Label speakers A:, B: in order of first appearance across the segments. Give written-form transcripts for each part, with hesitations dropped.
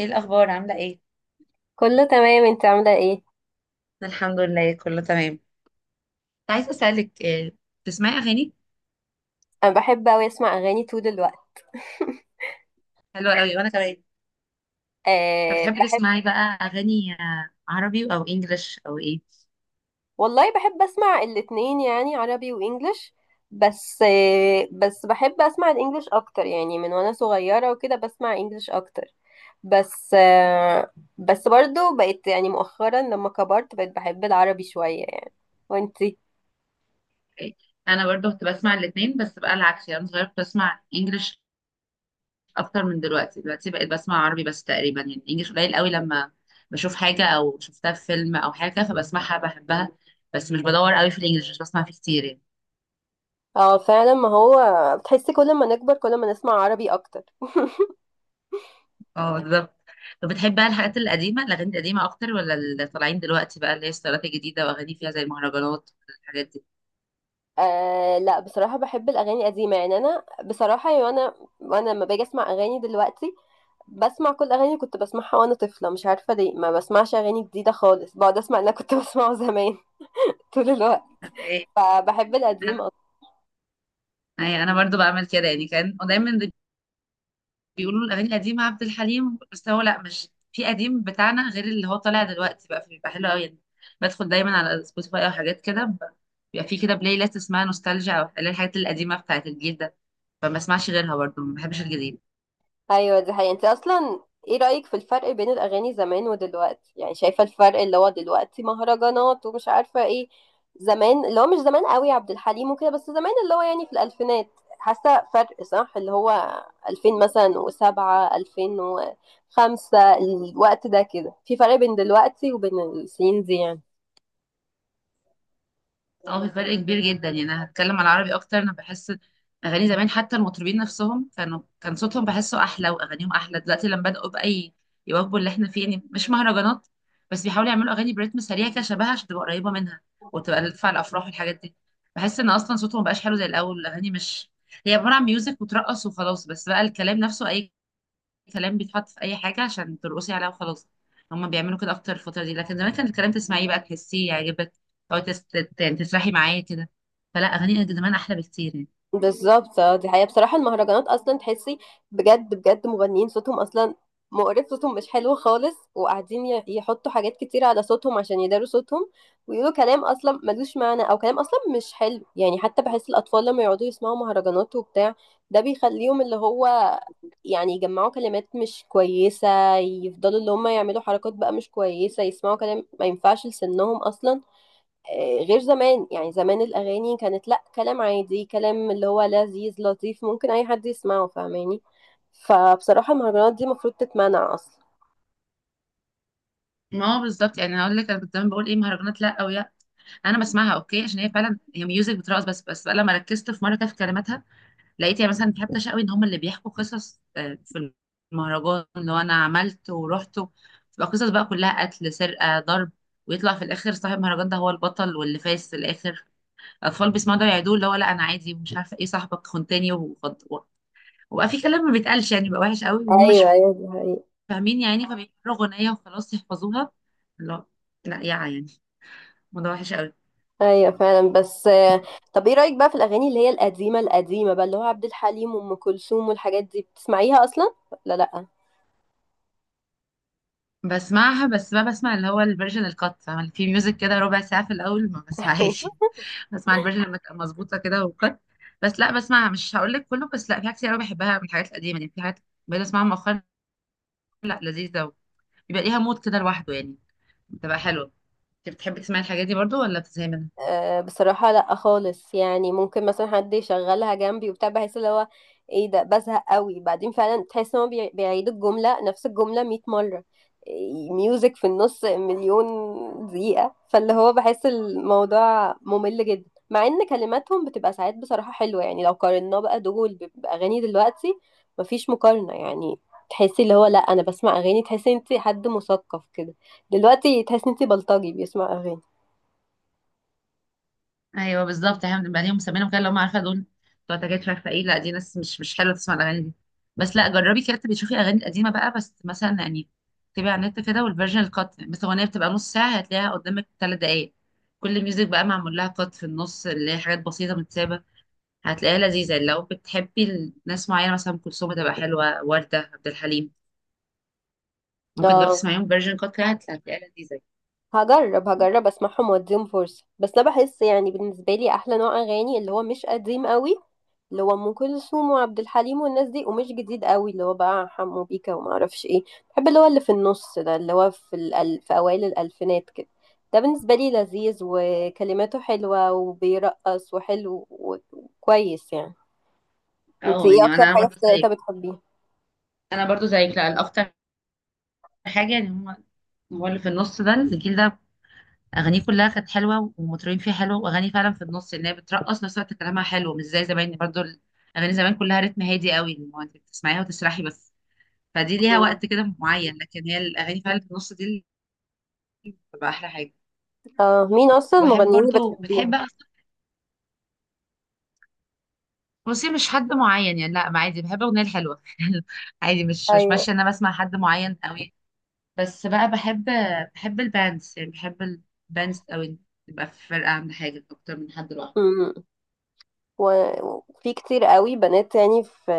A: ايه الاخبار؟ عامله ايه؟
B: كله تمام، انت عاملة ايه؟
A: الحمد لله، كله تمام. كنت عايزه اسالك، بتسمعي اغاني؟
B: انا بحب اوي اسمع اغاني طول الوقت.
A: حلوه قوي، وانا كمان. طب
B: أه
A: بتحبي
B: بحب.
A: تسمعي بقى اغاني عربي او انجليش او ايه؟
B: والله بحب اسمع الاتنين يعني عربي وانجليش. بس بحب اسمع الانجليش اكتر، يعني من وانا صغيرة وكده بسمع انجليش اكتر. بس أه. بس برضو بقيت يعني مؤخرا لما كبرت بقيت بحب العربي شوية يعني. وانتي؟
A: إيه؟ انا برضو كنت بسمع الاثنين، بس بقى العكس يعني. أنا صغيره كنت بسمع انجليش اكتر من دلوقتي. دلوقتي بقيت بسمع عربي بس تقريبا، يعني انجليش قليل قوي لما بشوف حاجه او شفتها في فيلم او حاجه فبسمعها بحبها. بس مش بدور قوي في الانجليش، مش بسمع فيه كتير يعني.
B: اه فعلا، ما هو بتحسي كل ما نكبر كل ما نسمع عربي اكتر.
A: اه بالظبط. طب بتحب بقى الحاجات القديمة الأغاني القديمة أكتر ولا اللي طالعين دلوقتي بقى، اللي هي الستايلات الجديدة وأغاني فيها زي المهرجانات والحاجات دي؟
B: آه لا، بصراحة بحب الأغاني القديمة، يعني أنا بصراحة يعني أنا وأنا لما باجي أسمع أغاني دلوقتي بسمع كل أغاني كنت بسمعها وأنا طفلة. مش عارفة ليه ما بسمعش أغاني جديدة خالص، بقعد أسمع اللي أنا كنت بسمعه زمان. طول الوقت،
A: اوكي.
B: فبحب القديم.
A: أي أنا برضو بعمل كده يعني. كان دايما بيقولوا الأغاني القديمة عبد الحليم، بس هو لأ، مش في قديم بتاعنا غير اللي هو طالع دلوقتي بقى، فبيبقى حلو أوي يعني. بدخل دايما على سبوتيفاي أو حاجات كده بيبقى في كده بلاي ليست اسمها نوستالجيا، أو اللي هي الحاجات القديمة بتاعت الجيل ده، فما اسمعش غيرها برضو، ما بحبش الجديد.
B: ايوه دي حقيقة. انت اصلا ايه رأيك في الفرق بين الاغاني زمان ودلوقتي؟ يعني شايفة الفرق اللي هو دلوقتي مهرجانات ومش عارفة ايه، زمان اللي هو مش زمان قوي عبد الحليم وكده، بس زمان اللي هو يعني في الالفينات. حاسة فرق صح؟ اللي هو 2000 مثلا وسبعة 2005، الوقت ده كده في فرق بين دلوقتي وبين السنين دي يعني.
A: اه في فرق كبير جدا يعني. انا هتكلم على العربي اكتر. انا بحس اغاني زمان حتى المطربين نفسهم كان صوتهم بحسه احلى واغانيهم احلى. دلوقتي لما بداوا بقى يواكبوا اللي احنا فيه، يعني مش مهرجانات بس بيحاولوا يعملوا اغاني برتم سريع كده شبهها عشان تبقى قريبه منها وتبقى تدفع الافراح والحاجات دي. بحس ان اصلا صوتهم مبقاش حلو زي الاول. الاغاني مش هي عباره عن ميوزك وترقص وخلاص، بس بقى الكلام نفسه اي كلام بيتحط في اي حاجه عشان ترقصي عليها وخلاص. هما بيعملوا كده اكتر الفتره دي، لكن زمان كان الكلام تسمعيه بقى تحسيه يعجبك، او يعني تسرحي معاه كده. فلا اغاني زمان احلى بكتير يعني.
B: بالظبط، اه دي حقيقة. بصراحة المهرجانات أصلا تحسي بجد بجد مغنيين صوتهم أصلا مقرف، صوتهم مش حلو خالص، وقاعدين يحطوا حاجات كتير على صوتهم عشان يداروا صوتهم، ويقولوا كلام أصلا ملوش معنى أو كلام أصلا مش حلو. يعني حتى بحس الأطفال لما يقعدوا يسمعوا مهرجانات وبتاع ده بيخليهم اللي هو يعني يجمعوا كلمات مش كويسة، يفضلوا اللي هم يعملوا حركات بقى مش كويسة، يسمعوا كلام ما ينفعش لسنهم أصلا. غير زمان، يعني زمان الأغاني كانت لأ، كلام عادي، كلام اللي هو لذيذ لطيف ممكن أي حد يسمعه، فاهماني؟ فبصراحة المهرجانات دي المفروض تتمنع أصلا.
A: ما هو بالظبط يعني. هقول لك انا كنت زمان بقول ايه مهرجانات؟ لا. او يا انا بسمعها اوكي، عشان هي فعلا هي ميوزك بترقص بس بقى لما ركزت في مره كده في كلماتها لقيت يعني مثلا حتى شقوي ان هم اللي بيحكوا قصص، في المهرجان اللي هو انا عملت ورحت. تبقى قصص بقى كلها قتل، سرقه، ضرب. ويطلع في الاخر صاحب المهرجان ده هو البطل واللي فايز في الاخر. الاطفال بيسمعوا ده يعيدوه اللي هو لا انا عادي مش عارفه ايه، صاحبك خنتاني وبقى في كلام ما بيتقالش يعني، بقى وحش قوي وهم
B: ايوه
A: مش
B: ايوه دي حقيقة.
A: فاهمين يعني، فبيقروا اغنيه وخلاص يحفظوها. لا. لا يا يعني. الموضوع وحش قوي.
B: أيوة فعلا. بس آه، طب إيه رأيك بقى في الأغاني اللي هي القديمة القديمة بقى اللي هو عبد الحليم وأم كلثوم والحاجات دي؟ بتسمعيها أصلا ولا لأ؟
A: بسمعها بس ما بسمع اللي هو الفيرجن الكات، فاهمة؟ في ميوزك كده ربع ساعه في الاول، ما بسمعهاش. بسمع الفيرجن لما تبقى مظبوطه كده وكات. بس لا بسمعها، مش هقول لك كله، بس لا في حاجات كتير قوي بحبها من الحاجات القديمه يعني. في حاجات بقيت اسمعها مؤخرا، لا لذيذه. بيبقى ليها مود كده لوحده يعني. بتبقى حلوه. انت بتحبي تسمعي الحاجات دي برضو ولا بتزهقي منها؟
B: أه بصراحة لا خالص. يعني ممكن مثلا حد يشغلها جنبي وبتاع بحس اللي هو ايه ده؟ بزهق قوي بعدين، فعلا تحس ان هو بيعيد الجملة نفس الجملة 100 مرة، ميوزك في النص مليون دقيقة، فاللي هو بحس الموضوع ممل جدا. مع ان كلماتهم بتبقى ساعات بصراحة حلوة يعني، لو قارناه بقى دول بأغاني دلوقتي مفيش مقارنة يعني. تحسي اللي هو لا انا بسمع اغاني، تحسي انت حد مثقف كده. دلوقتي تحسي انت بلطجي بيسمع اغاني.
A: ايوه بالظبط. احنا بنبقى ليهم مسمينهم كده اللي هم، عارفه دول بتوع تجارب مش عارفه ايه. لا دي ناس مش حلوه تسمع الاغاني دي، بس لا جربي كده تبقي تشوفي اغاني قديمه بقى، بس مثلا يعني تبقي على النت كده والفيرجن القط، مثلا اغنيه بتبقى نص ساعه هتلاقيها قدامك 3 دقائق. كل ميوزك بقى معمول لها قط في النص، اللي هي حاجات بسيطه متسابه. هتلاقيها لذيذه لو بتحبي ناس معينه، مثلا ام كلثوم تبقى حلوه، ورده، عبد الحليم، ممكن تجربي
B: اه
A: تسمعيهم فيرجن قط كده، هتلاقيها لذيذه.
B: هجرب هجرب اسمعهم واديهم فرصة. بس انا بحس يعني بالنسبة لي احلى نوع اغاني اللي هو مش قديم قوي اللي هو ام كلثوم وعبد الحليم والناس دي، ومش جديد قوي اللي هو بقى حمو بيكا وما اعرفش ايه. بحب اللي هو اللي في النص ده اللي هو في اوائل الالفينات كده. ده بالنسبة لي لذيذ وكلماته حلوة وبيرقص وحلو وكويس يعني. انت
A: اه
B: ايه
A: يعني
B: اكتر
A: انا
B: حاجة في
A: برضو
B: التلاتة
A: زيك.
B: بتحبيها؟
A: لا الاكتر حاجه يعني هم، هو اللي في النص ده الجيل ده اغانيه كلها كانت حلوه والمطربين فيها حلوه، واغاني فعلا في النص ان هي بترقص نفس الوقت كلامها حلو، مش زي زمان برضو. اغاني زمان كلها رتم هادي قوي، اللي هو انت بتسمعيها وتسرحي بس، فدي ليها
B: مم.
A: وقت كده معين. لكن هي الاغاني فعلا في النص دي اللي بتبقى احلى حاجه.
B: اه مين اصلا
A: وبحب
B: المغنيين اللي
A: برضو بتحب
B: بتحبيهم؟
A: بصي مش حد معين يعني، لا ما عادي بحب الاغنيه الحلوه. عادي، مش ماشيه ان انا بسمع حد معين قوي، بس بقى بحب الباندز يعني، بحب الباندز قوي، تبقى في فرقه عند حاجه اكتر من حد لوحده.
B: ايوه. و- وفي كتير قوي بنات، يعني في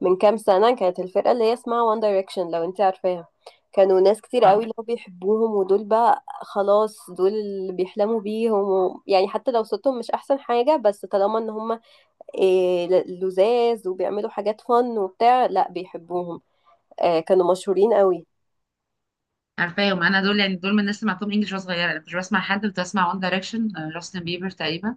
B: من كام سنة كانت الفرقة اللي هي اسمها وان دايركشن، لو انت عارفاها. كانوا ناس كتير
A: اه
B: قوي اللي هو بيحبوهم، ودول بقى خلاص دول اللي بيحلموا بيهم و... يعني حتى لو صوتهم مش احسن حاجة، بس طالما ان هم إيه لذاذ وبيعملوا حاجات فن وبتاع لا بيحبوهم. آه كانوا مشهورين قوي.
A: عارفاهم انا دول. يعني دول من الناس اللي سمعتهم انجلش وانا صغيره. انا كنت بسمع حد، كنت بسمع وان دايركشن، جاستن بيبر تقريبا،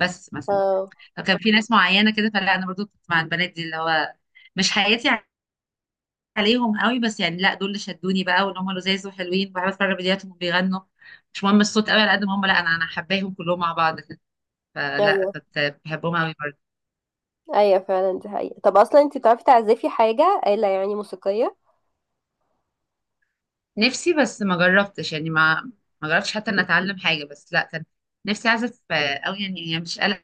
A: بس مثلا
B: اه
A: فكان في ناس معينه كده. فلا انا برضو كنت مع البنات دي اللي هو مش حياتي عليهم قوي، بس يعني لا دول اللي شدوني بقى وان هم لذاذ وحلوين، بحب اتفرج على فيديوهاتهم وبيغنوا. مش مهم الصوت قوي على قد ما هم، لا انا حباهم كلهم مع بعض كده، فلا
B: ايوه.
A: كنت بحبهم قوي برضو.
B: ايوه فعلا دي حقيقة. طب اصلا انت بتعرفي تعزفي حاجة آلة يعني موسيقية؟
A: نفسي بس ما جربتش يعني. ما جربتش حتى ان اتعلم حاجه، بس لا كان نفسي اعزف قوي يعني مش قلق.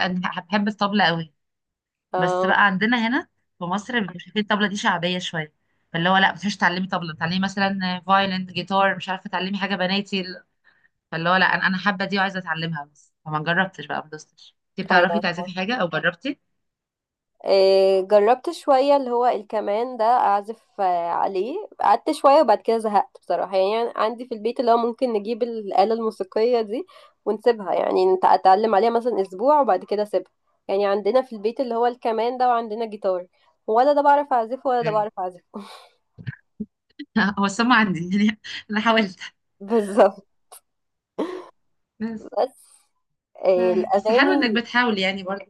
A: انا بحب الطبلة قوي، بس
B: اه
A: بقى عندنا هنا في مصر بيبقوا شايفين الطبلة دي شعبية شوية، فاللي هو لا ما تروحيش تعلمي طبلة، تعلمي مثلا فايلن، جيتار، مش عارفة تعلمي حاجة بناتي. فاللي هو لا انا حابة دي وعايزة اتعلمها، بس فما جربتش بقى، ما دوستش. انتي بتعرفي
B: ايوه.
A: تعزفي حاجة او جربتي؟
B: جربت شوية اللي هو الكمان ده أعزف عليه، قعدت شوية وبعد كده زهقت بصراحة. يعني عندي في البيت اللي هو ممكن نجيب الآلة الموسيقية دي ونسيبها، يعني أتعلم عليها مثلا أسبوع وبعد كده أسيبها. يعني عندنا في البيت اللي هو الكمان ده وعندنا جيتار، ولا ده بعرف أعزفه ولا ده
A: يعني
B: بعرف أعزفه.
A: هو السم عندي يعني انا حاولت
B: بالظبط.
A: بس.
B: بس آه،
A: بس حلو انك
B: الأغاني
A: بتحاول يعني برضه.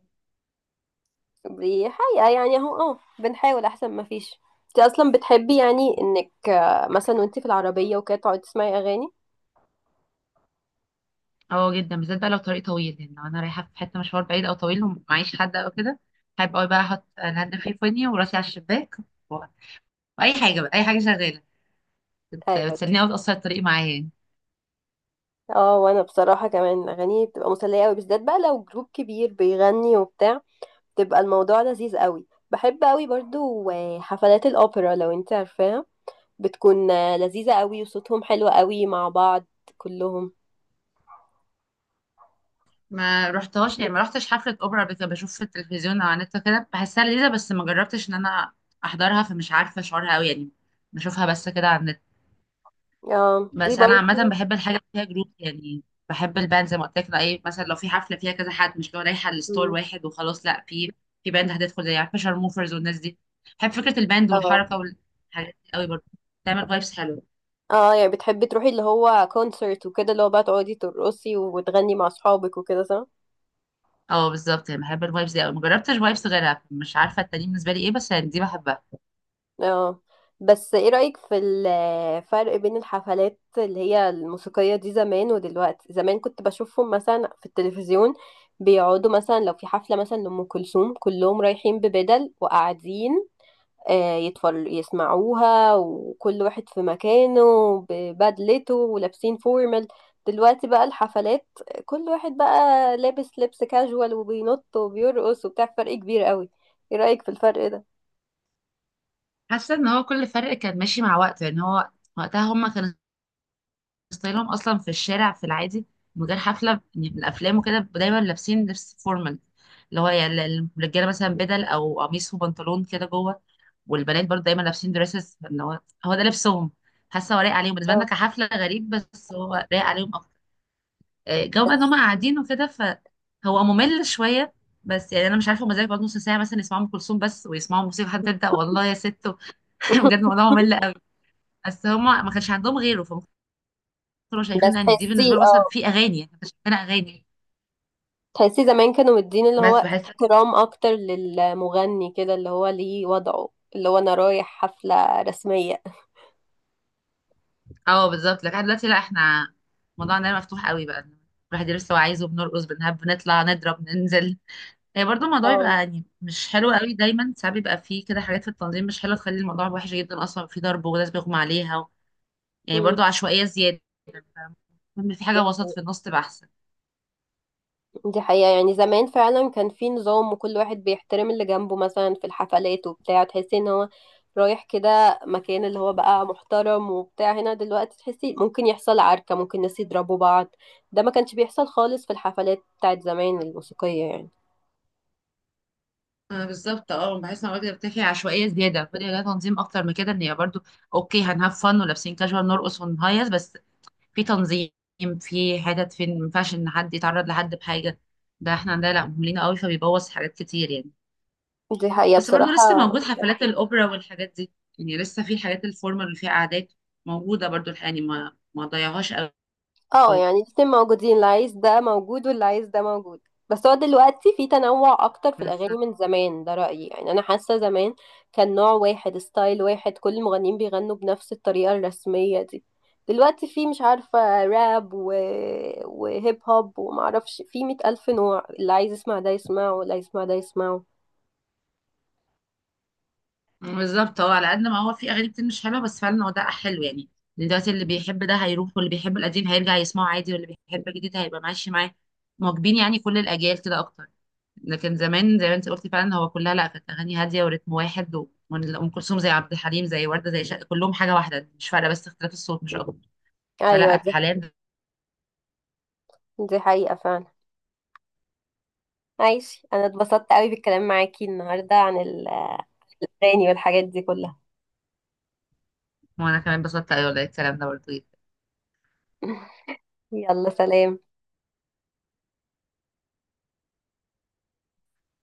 B: بحقيقة يعني اهو اه بنحاول أحسن ما فيش. انت أصلا بتحبي يعني إنك مثلا وانت في العربية وكده تقعدي تسمعي أغاني؟
A: اه جدا، بالذات بقى لو طريق طويل، يعني لو انا رايحة في حتة مشوار بعيد او طويل ومعيش حد او كده، هيبقى بقى احط الهاند فري في ودني وراسي على الشباك و- واي حاجة بقى، اي حاجة شغالة
B: ايوه.
A: بتسليني أوي بتقصر الطريق معايا.
B: اه وانا بصراحه كمان اغاني بتبقى مسليه قوي، بالذات بقى لو جروب كبير بيغني وبتاع بتبقى الموضوع لذيذ قوي. بحب قوي برضو حفلات الاوبرا، لو انت عارفاها. بتكون لذيذه قوي وصوتهم حلو قوي مع بعض كلهم.
A: ما رحتهاش يعني، ما رحتش حفلة أوبرا قبل كده. بشوف في التلفزيون أو على النت كده بحسها لذيذة، بس ما جربتش إن أنا أحضرها، فمش عارفة شعورها أوي يعني. بشوفها بس كده على النت.
B: اه دي
A: بس أنا
B: برضو.
A: عامة بحب الحاجة اللي فيها جروب يعني، بحب الباند زي ما قلت لك. أي مثلا لو في حفلة فيها كذا حد، مش لو رايحة الستور
B: مم.
A: واحد وخلاص لأ، في باند هتدخل زي، عارفة شارموفرز والناس دي. بحب فكرة الباند
B: اه.
A: والحركة والحاجات دي أوي برضه. بتعمل فايبس حلوة.
B: اه يعني بتحبي تروحي اللي هو كونسرت وكده، اللي هو بقى تقعدي ترقصي وتغني مع اصحابك وكده، صح؟
A: اه بالظبط يعني بحب الفايبس دي أوي، مجربتش فايبس غيرها، مش عارفة التانيين بالنسبة لي ايه، بس يعني دي بحبها.
B: اه. بس ايه رأيك في الفرق بين الحفلات اللي هي الموسيقية دي زمان ودلوقتي؟ زمان كنت بشوفهم مثلا في التلفزيون بيقعدوا، مثلا لو في حفلة مثلا لأم كلثوم كلهم رايحين ببدل وقاعدين يتفر يسمعوها، وكل واحد في مكانه ببدلته ولابسين فورمال. دلوقتي بقى الحفلات كل واحد بقى لابس لبس كاجوال وبينط وبيرقص وبتاع، فرق كبير قوي. ايه رأيك في الفرق ده؟
A: حاسه ان هو كل فرق كان ماشي مع وقته يعني. هو وقتها هم كانوا ستايلهم اصلا في الشارع في العادي من غير حفله يعني، من الافلام وكده دايما لابسين لبس فورمال، اللي هو يعني الرجاله مثلا بدل او قميص وبنطلون كده جوه، والبنات برضه دايما لابسين دريسز. اللي هو هو ده لبسهم. حاسه هو لايق عليهم، بالنسبه لنا
B: اه.
A: كحفله غريب، بس هو لايق عليهم اكتر. جو بقى ان
B: بس
A: هم قاعدين وكده، فهو ممل شويه. بس يعني انا مش عارفه هما ازاي بيقعدوا نص ساعه مثلا يسمعوا ام كلثوم بس، ويسمعوا موسيقى حد تبدا، والله يا ست. بجد الموضوع ممل قوي. بس هما ما كانش عندهم غيره، فهم كانوا
B: بس
A: شايفين ان دي
B: تحسيه
A: بالنسبه لهم مثلا
B: اه،
A: في اغاني يعني، كانت شايفينها اغاني.
B: تحسيه زمان كانوا مدين اللي هو
A: بس بحس.
B: احترام اكتر للمغني كده، اللي هو ليه وضعه اللي هو انا رايح حفلة رسمية.
A: اه بالظبط. لكن دلوقتي لا، احنا موضوعنا ده مفتوح قوي بقى. الواحد يدرس اللي هو عايزه، بنرقص، بنهب، بنطلع، نضرب، ننزل. هي برضه الموضوع يبقى
B: اه.
A: يعني مش حلو قوي دايما، ساعات بيبقى فيه كده حاجات في التنظيم مش حلوه تخلي الموضوع وحش جدا. اصلا في ضرب وناس بيغمى عليها يعني
B: أمم،
A: برضه عشوائيه زياده. فاهمة؟ في
B: دي
A: حاجه وسط
B: حقيقة.
A: في النص تبقى احسن.
B: دي حقيقة. يعني زمان فعلا كان في نظام وكل واحد بيحترم اللي جنبه، مثلا في الحفلات وبتاع تحسي ان هو رايح كده مكان اللي هو بقى محترم وبتاع. هنا دلوقتي تحسي ممكن يحصل عركة، ممكن ناس يضربوا بعض. ده ما كانش بيحصل خالص في الحفلات بتاعت زمان الموسيقية يعني.
A: آه بالظبط. اه بحس ان الوجبه بتاعي عشوائيه زياده، فدي لها تنظيم اكتر من كده، ان هي برضو اوكي هنهاف فن ولابسين كاجوال نرقص ونهيص بس في تنظيم، في حتت فين ما ينفعش ان حد يتعرض لحد بحاجه. ده احنا عندنا لا، مهملين قوي فبيبوظ حاجات كتير يعني.
B: دي حقيقة
A: بس برضو
B: بصراحة.
A: لسه موجود حفلات الاوبرا والحاجات دي. يعني لسه في حاجات الفورمال اللي فيها قعدات موجوده برضو الحقيقة يعني. ما ضيعهاش
B: اه يعني الاتنين موجودين، اللي عايز ده موجود واللي عايز ده موجود. بس هو دلوقتي في تنوع اكتر في
A: قوي.
B: الاغاني من زمان، ده رأيي يعني. انا حاسة زمان كان نوع واحد ستايل واحد كل المغنيين بيغنوا بنفس الطريقة الرسمية دي، دلوقتي في مش عارفة راب و... وهيب هوب ومعرفش، في مئة ألف نوع. اللي عايز يسمع ده يسمعه واللي عايز يسمع ده يسمعه.
A: بالظبط هو على قد ما هو في اغاني كتير مش حلوه، بس فعلا هو ده حلو يعني. دلوقتي اللي بيحب ده هيروح، واللي بيحب القديم هيرجع يسمعه عادي، واللي بيحب الجديد هيبقى ماشي معاه مواكبين يعني، كل الاجيال كده اكتر. لكن زمان زي ما انت قلتي، فعلا هو كلها لا كانت اغاني هاديه ورتم واحد ام كلثوم زي عبد الحليم زي ورده زي شق، كلهم حاجه واحده مش فارقه، بس اختلاف الصوت مش اكتر.
B: ايوه
A: فلا حاليا.
B: دي حقيقة فعلا. ماشي، انا اتبسطت قوي بالكلام معاكي النهاردة عن الاغاني والحاجات دي كلها.
A: وانا كمان بسطت، ايوه، الكلام ده برضه.
B: يلا سلام.